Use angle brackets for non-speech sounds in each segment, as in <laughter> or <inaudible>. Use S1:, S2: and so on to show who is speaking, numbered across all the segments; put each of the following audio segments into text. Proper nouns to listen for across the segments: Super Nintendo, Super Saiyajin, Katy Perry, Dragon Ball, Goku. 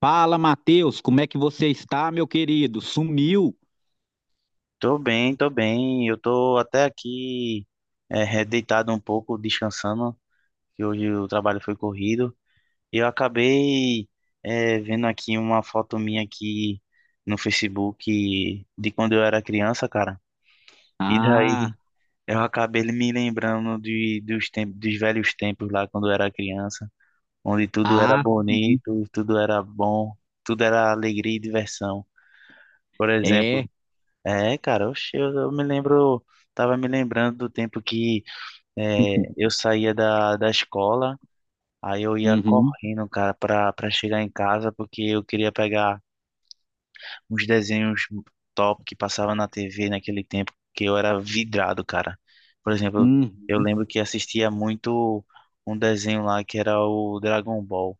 S1: Fala, Matheus, como é que você está, meu querido? Sumiu?
S2: Tô bem, tô bem. Eu tô até aqui deitado um pouco, descansando, que hoje o trabalho foi corrido. E eu acabei vendo aqui uma foto minha aqui no Facebook de quando eu era criança, cara. E daí
S1: Ah,
S2: eu acabei me lembrando dos tempos, dos velhos tempos lá quando eu era criança, onde tudo era
S1: ah,
S2: bonito, tudo era bom, tudo era alegria e diversão. Por exemplo,
S1: é.
S2: é, cara, oxe, eu me lembro, tava me lembrando do tempo que eu
S1: <laughs>
S2: saía da escola, aí eu ia
S1: Uhum,
S2: correndo, cara, pra chegar em casa, porque eu queria pegar uns desenhos top que passava na TV naquele tempo, que eu era vidrado, cara. Por exemplo, eu
S1: uhum,
S2: lembro que assistia muito um desenho lá que era o Dragon Ball.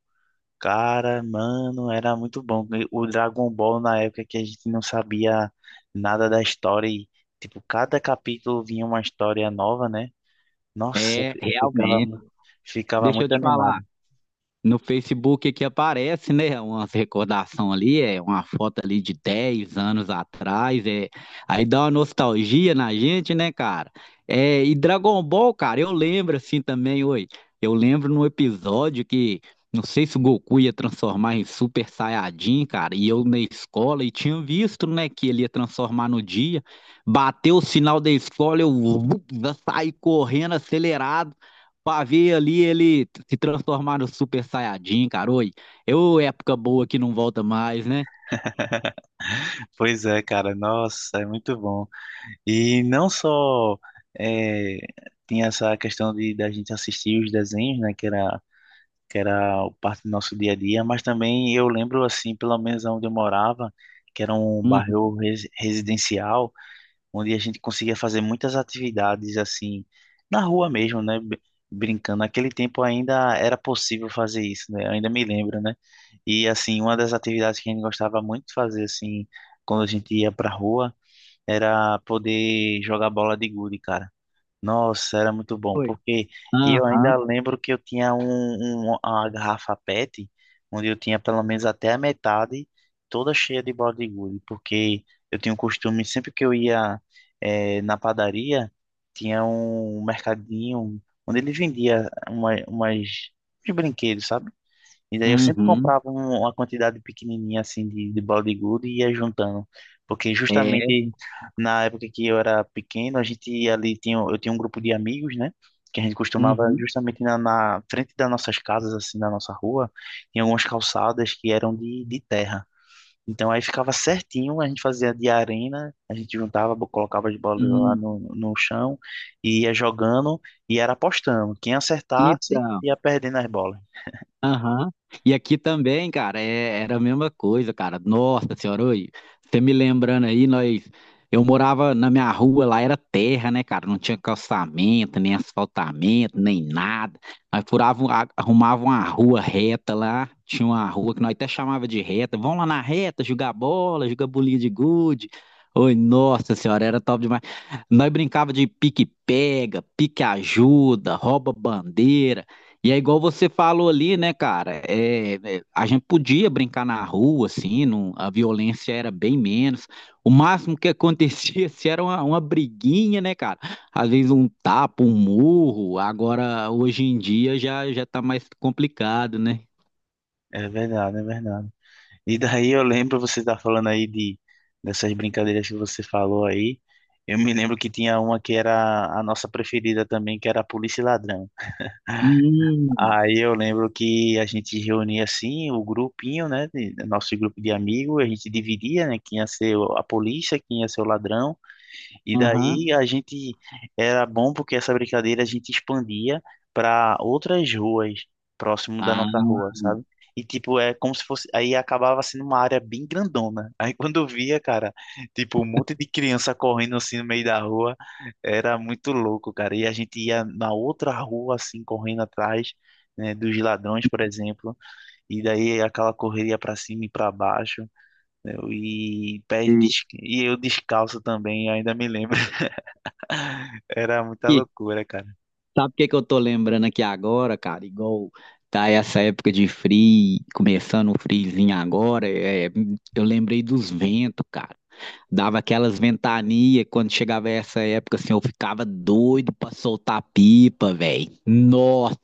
S2: Cara, mano, era muito bom. E o Dragon Ball na época que a gente não sabia nada da história e, tipo, cada capítulo vinha uma história nova, né? Nossa,
S1: é,
S2: eu ficava,
S1: realmente.
S2: ficava
S1: Deixa eu
S2: muito
S1: te falar.
S2: animado.
S1: No Facebook que aparece, né, umas recordação ali, é uma foto ali de 10 anos atrás, aí dá uma nostalgia na gente, né, cara? É, e Dragon Ball, cara, eu lembro assim também, oi, eu lembro num episódio que, não sei se o Goku ia transformar em Super Saiyajin, cara, e eu na escola, e tinha visto, né, que ele ia transformar no dia, bateu o sinal da escola, eu, <laughs> eu saí correndo acelerado, pra ver ali ele se transformar no Super Saiyajin, cara. Oi, eu época boa que não volta mais, né?
S2: Pois é, cara, nossa, é muito bom. E não só é, tinha essa questão de da gente assistir os desenhos, né? Que era parte do nosso dia a dia, mas também eu lembro, assim, pelo menos onde eu morava, que era um
S1: Uhum.
S2: bairro residencial, onde a gente conseguia fazer muitas atividades assim na rua mesmo, né? Brincando. Naquele tempo ainda era possível fazer isso, né? Eu ainda me lembro, né? E assim, uma das atividades que a gente gostava muito de fazer assim, quando a gente ia pra rua, era poder jogar bola de gude, cara. Nossa, era muito bom,
S1: Foi.
S2: porque e eu
S1: Aham,
S2: ainda lembro que eu tinha uma garrafa PET, onde eu tinha pelo menos até a metade, toda cheia de bala de gude, porque eu tinha um costume, sempre que eu ia na padaria, tinha um mercadinho onde ele vendia uns brinquedos, sabe? E daí eu sempre
S1: uhum.
S2: comprava uma quantidade pequenininha assim de balde de gude e ia juntando. Porque
S1: É,
S2: justamente na época que eu era pequeno, a gente ali tinha, eu tinha um grupo de amigos, né? Que a gente costumava
S1: uhum.
S2: justamente na frente das nossas casas, assim, na nossa rua, tinha algumas calçadas que eram de terra. Então aí ficava certinho, a gente fazia de arena, a gente juntava, colocava as bolas lá
S1: Hum.
S2: no chão e ia jogando e era apostando. Quem acertasse
S1: Então.
S2: ia perdendo as bolas.
S1: Aham. E aqui também, cara, era a mesma coisa, cara. Nossa senhora, oi, você me lembrando aí, nós. Eu morava na minha rua, lá era terra, né, cara? Não tinha calçamento, nem asfaltamento, nem nada. Nós furavam, arrumavam uma rua reta lá. Tinha uma rua que nós até chamava de reta. Vamos lá na reta, jogar bola, jogar bolinha de gude. Oi, nossa senhora, era top demais. Nós brincava de pique-pega, pique-ajuda, rouba-bandeira. E é igual você falou ali, né, cara? É, é, a gente podia brincar na rua, assim, a violência era bem menos. O máximo que acontecia <laughs> se era uma briguinha, né, cara? Às vezes um tapa, um murro. Agora, hoje em dia, já tá mais complicado, né?
S2: É verdade, é verdade. E daí eu lembro, você tá falando aí de dessas brincadeiras que você falou aí. Eu me lembro que tinha uma que era a nossa preferida também, que era a polícia e ladrão.
S1: Hum,
S2: Aí eu lembro que a gente reunia assim o grupinho, né, nosso grupo de amigos, a gente dividia, né, quem ia ser a polícia, quem ia ser o ladrão. E
S1: aham.
S2: daí a gente era bom porque essa brincadeira a gente expandia para outras ruas próximo da
S1: Ah,
S2: nossa rua, sabe? E tipo, é como se fosse, aí acabava sendo uma área bem grandona. <laughs> Aí quando eu via, cara, tipo, um monte de criança correndo assim no meio da rua, era muito louco, cara. E a gente ia na outra rua assim correndo atrás, né, dos ladrões, por exemplo. E daí aquela correria para cima e para baixo. E pés e eu descalço também, ainda me lembro. Era muita loucura, cara.
S1: sabe o que que eu tô lembrando aqui agora, cara? Igual tá essa época de frio, começando o friozinho agora, é, eu lembrei dos ventos, cara. Dava aquelas ventanias, quando chegava essa época, assim, eu ficava doido pra soltar pipa, velho. Nossa,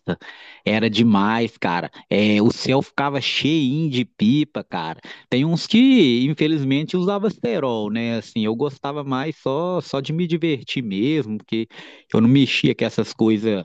S1: era demais, cara. É, o céu ficava cheinho de pipa, cara. Tem uns que, infelizmente, usava cerol, né? Assim, eu gostava mais só de me divertir mesmo, porque eu não mexia com essas coisas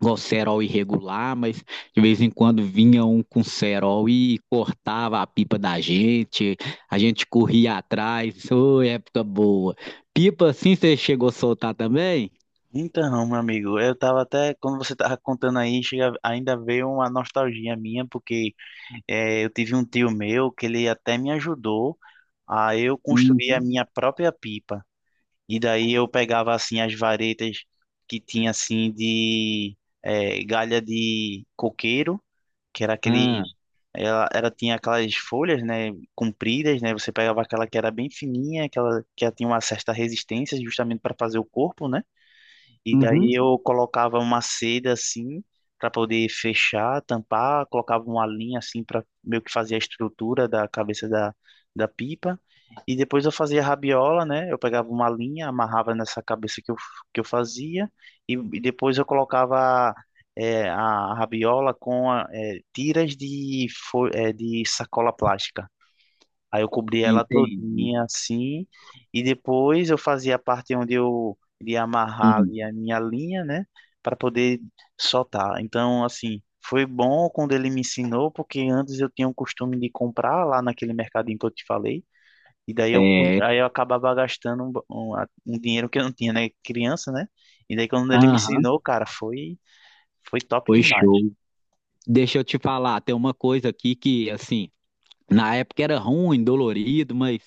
S1: igual cerol irregular, mas de vez em quando vinha um com cerol e cortava a pipa da gente, a gente corria atrás, ô, é época boa. Pipa assim você chegou a soltar também?
S2: Então, meu amigo, eu tava até, quando você tava contando aí, chega, ainda veio uma nostalgia minha, porque eu tive um tio meu que ele até me ajudou a eu construir a
S1: Uhum.
S2: minha própria pipa. E daí eu pegava, assim, as varetas que tinha, assim, de galha de coqueiro, que era aquele
S1: Ah,
S2: Ela tinha aquelas folhas, né, compridas, né, você pegava aquela que era bem fininha, aquela que ela tinha uma certa resistência justamente para fazer o corpo, né? E daí
S1: uhum.
S2: eu colocava uma seda assim para poder fechar, tampar, colocava uma linha assim para meio que fazer a estrutura da cabeça da pipa. E depois eu fazia a rabiola, né? Eu pegava uma linha, amarrava nessa cabeça que eu fazia e depois eu colocava a rabiola tiras de sacola plástica. Aí eu cobria ela
S1: Entendi.
S2: todinha assim, e depois eu fazia a parte onde eu iria amarrar
S1: Hum,
S2: ali a minha linha, né, para poder soltar. Então, assim, foi bom quando ele me ensinou, porque antes eu tinha o costume de comprar lá naquele mercadinho que eu te falei, e daí
S1: É,
S2: aí eu acabava gastando um dinheiro que eu não tinha, né, criança, né? E daí quando ele me
S1: aham,
S2: ensinou, cara, foi foi top
S1: foi
S2: demais.
S1: show. Deixa eu te falar, tem uma coisa aqui que, assim, na época era ruim, dolorido, mas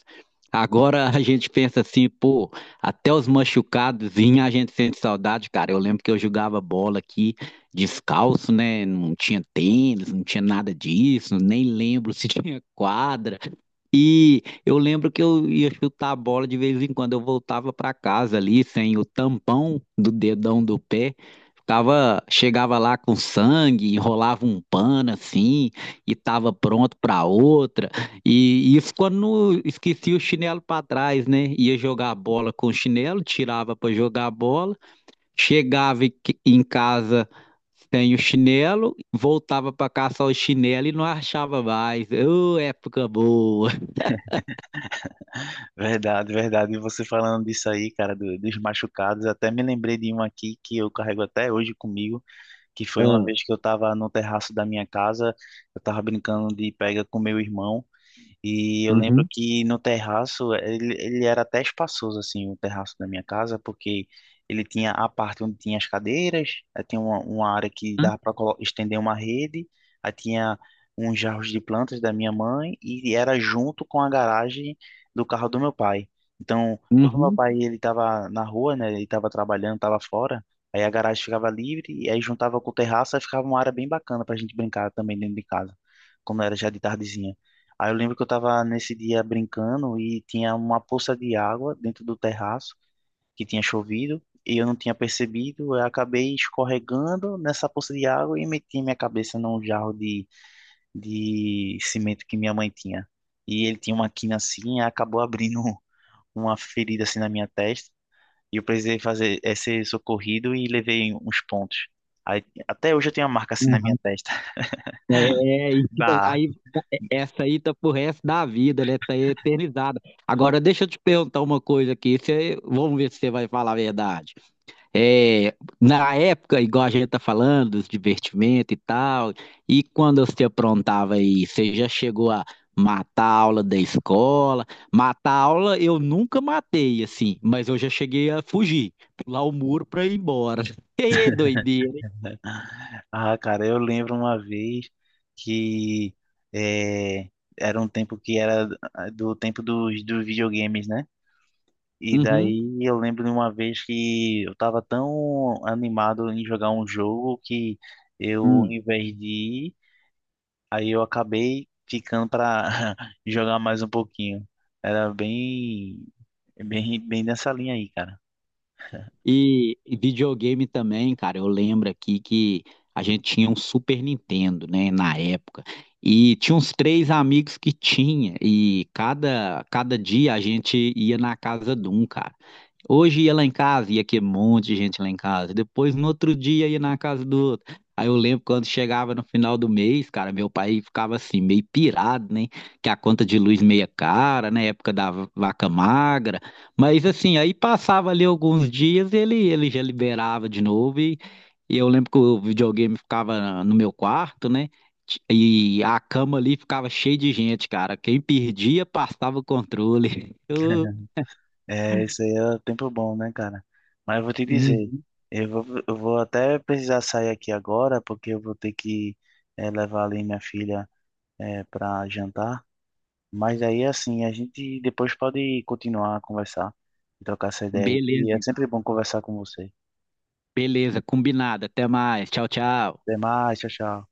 S1: agora a gente pensa assim, pô, até os machucados a gente sente saudade, cara. Eu lembro que eu jogava bola aqui descalço, né? Não tinha tênis, não tinha nada disso, nem lembro se <laughs> tinha quadra. E eu lembro que eu ia chutar a bola de vez em quando, eu voltava para casa ali sem o tampão do dedão do pé, ficava, chegava lá com sangue, enrolava um pano assim e tava pronto para outra. E isso quando não esquecia o chinelo para trás, né? Ia jogar a bola com o chinelo, tirava para jogar a bola, chegava em casa sem o chinelo, voltava para caçar o chinelo e não achava mais. Ô, época boa!
S2: Verdade, verdade. E você falando disso aí, cara, dos machucados, até me lembrei de um aqui que eu carrego até hoje comigo, que foi uma
S1: Hã.
S2: vez que eu tava no terraço da minha casa, eu tava brincando de pega com meu irmão. E eu lembro
S1: Uhum.
S2: que no terraço, ele era até espaçoso, assim, o terraço da minha casa, porque ele tinha a parte onde tinha as cadeiras, aí tinha uma área que dava para estender uma rede, aí tinha uns jarros de plantas da minha mãe, e era junto com a garagem do carro do meu pai. Então, quando meu
S1: Uhum.
S2: pai ele estava na rua, né, ele estava trabalhando, estava fora, aí a garagem ficava livre, e aí juntava com o terraço, aí ficava uma área bem bacana para a gente brincar também dentro de casa, quando era já de tardezinha. Aí eu lembro que eu tava nesse dia brincando e tinha uma poça de água dentro do terraço que tinha chovido e eu não tinha percebido. Eu acabei escorregando nessa poça de água e meti minha cabeça num jarro de cimento que minha mãe tinha. E ele tinha uma quina assim e acabou abrindo <laughs> uma ferida assim na minha testa. E eu precisei fazer ser socorrido e levei uns pontos. Aí, até hoje eu tenho uma marca assim na minha
S1: Aham.
S2: testa <laughs>
S1: É, é, e tipo,
S2: da
S1: aí e essa aí tá pro resto da vida, né? Tá eternizada. Agora, deixa eu te perguntar uma coisa aqui. Você, vamos ver se você vai falar a verdade. É, na época, igual a gente tá falando, dos divertimentos e tal, e quando você aprontava aí, você já chegou a matar a aula da escola? Matar a aula eu nunca matei, assim, mas eu já cheguei a fugir, pular o muro pra ir embora. <laughs> Que doideira,
S2: Ah, cara, eu lembro uma vez que eh, era um tempo que era ah, do tempo dos videogames, né? E
S1: hein?
S2: daí eu lembro de uma vez que eu tava tão animado em jogar um jogo que eu, ao
S1: Hum.
S2: invés de ir, aí eu acabei ficando pra <laughs> jogar mais um pouquinho. Era bem nessa linha aí, cara.
S1: E videogame também, cara. Eu lembro aqui que a gente tinha um Super Nintendo, né, na época. E tinha uns 3 amigos que tinha. E cada dia a gente ia na casa de um, cara. Hoje ia lá em casa, ia que um monte de gente lá em casa. Depois, no outro dia, ia na casa do outro. Aí eu lembro quando chegava no final do mês, cara, meu pai ficava assim, meio pirado, né? Que a conta de luz meia cara, né? Época da vaca magra. Mas assim, aí passava ali alguns dias, ele já liberava de novo. E eu lembro que o videogame ficava no meu quarto, né? E a cama ali ficava cheia de gente, cara. Quem perdia, passava o controle. <laughs> Eu...
S2: É, isso aí é tempo bom, né, cara? Mas eu vou te dizer,
S1: Uhum.
S2: eu vou até precisar sair aqui agora, porque eu vou ter que levar ali minha filha pra jantar. Mas aí, assim, a gente depois pode continuar a conversar e trocar essa ideia aí,
S1: Beleza,
S2: que é sempre
S1: então.
S2: bom conversar com você.
S1: Beleza, combinado. Até mais. Tchau, tchau.
S2: Até mais, tchau, tchau.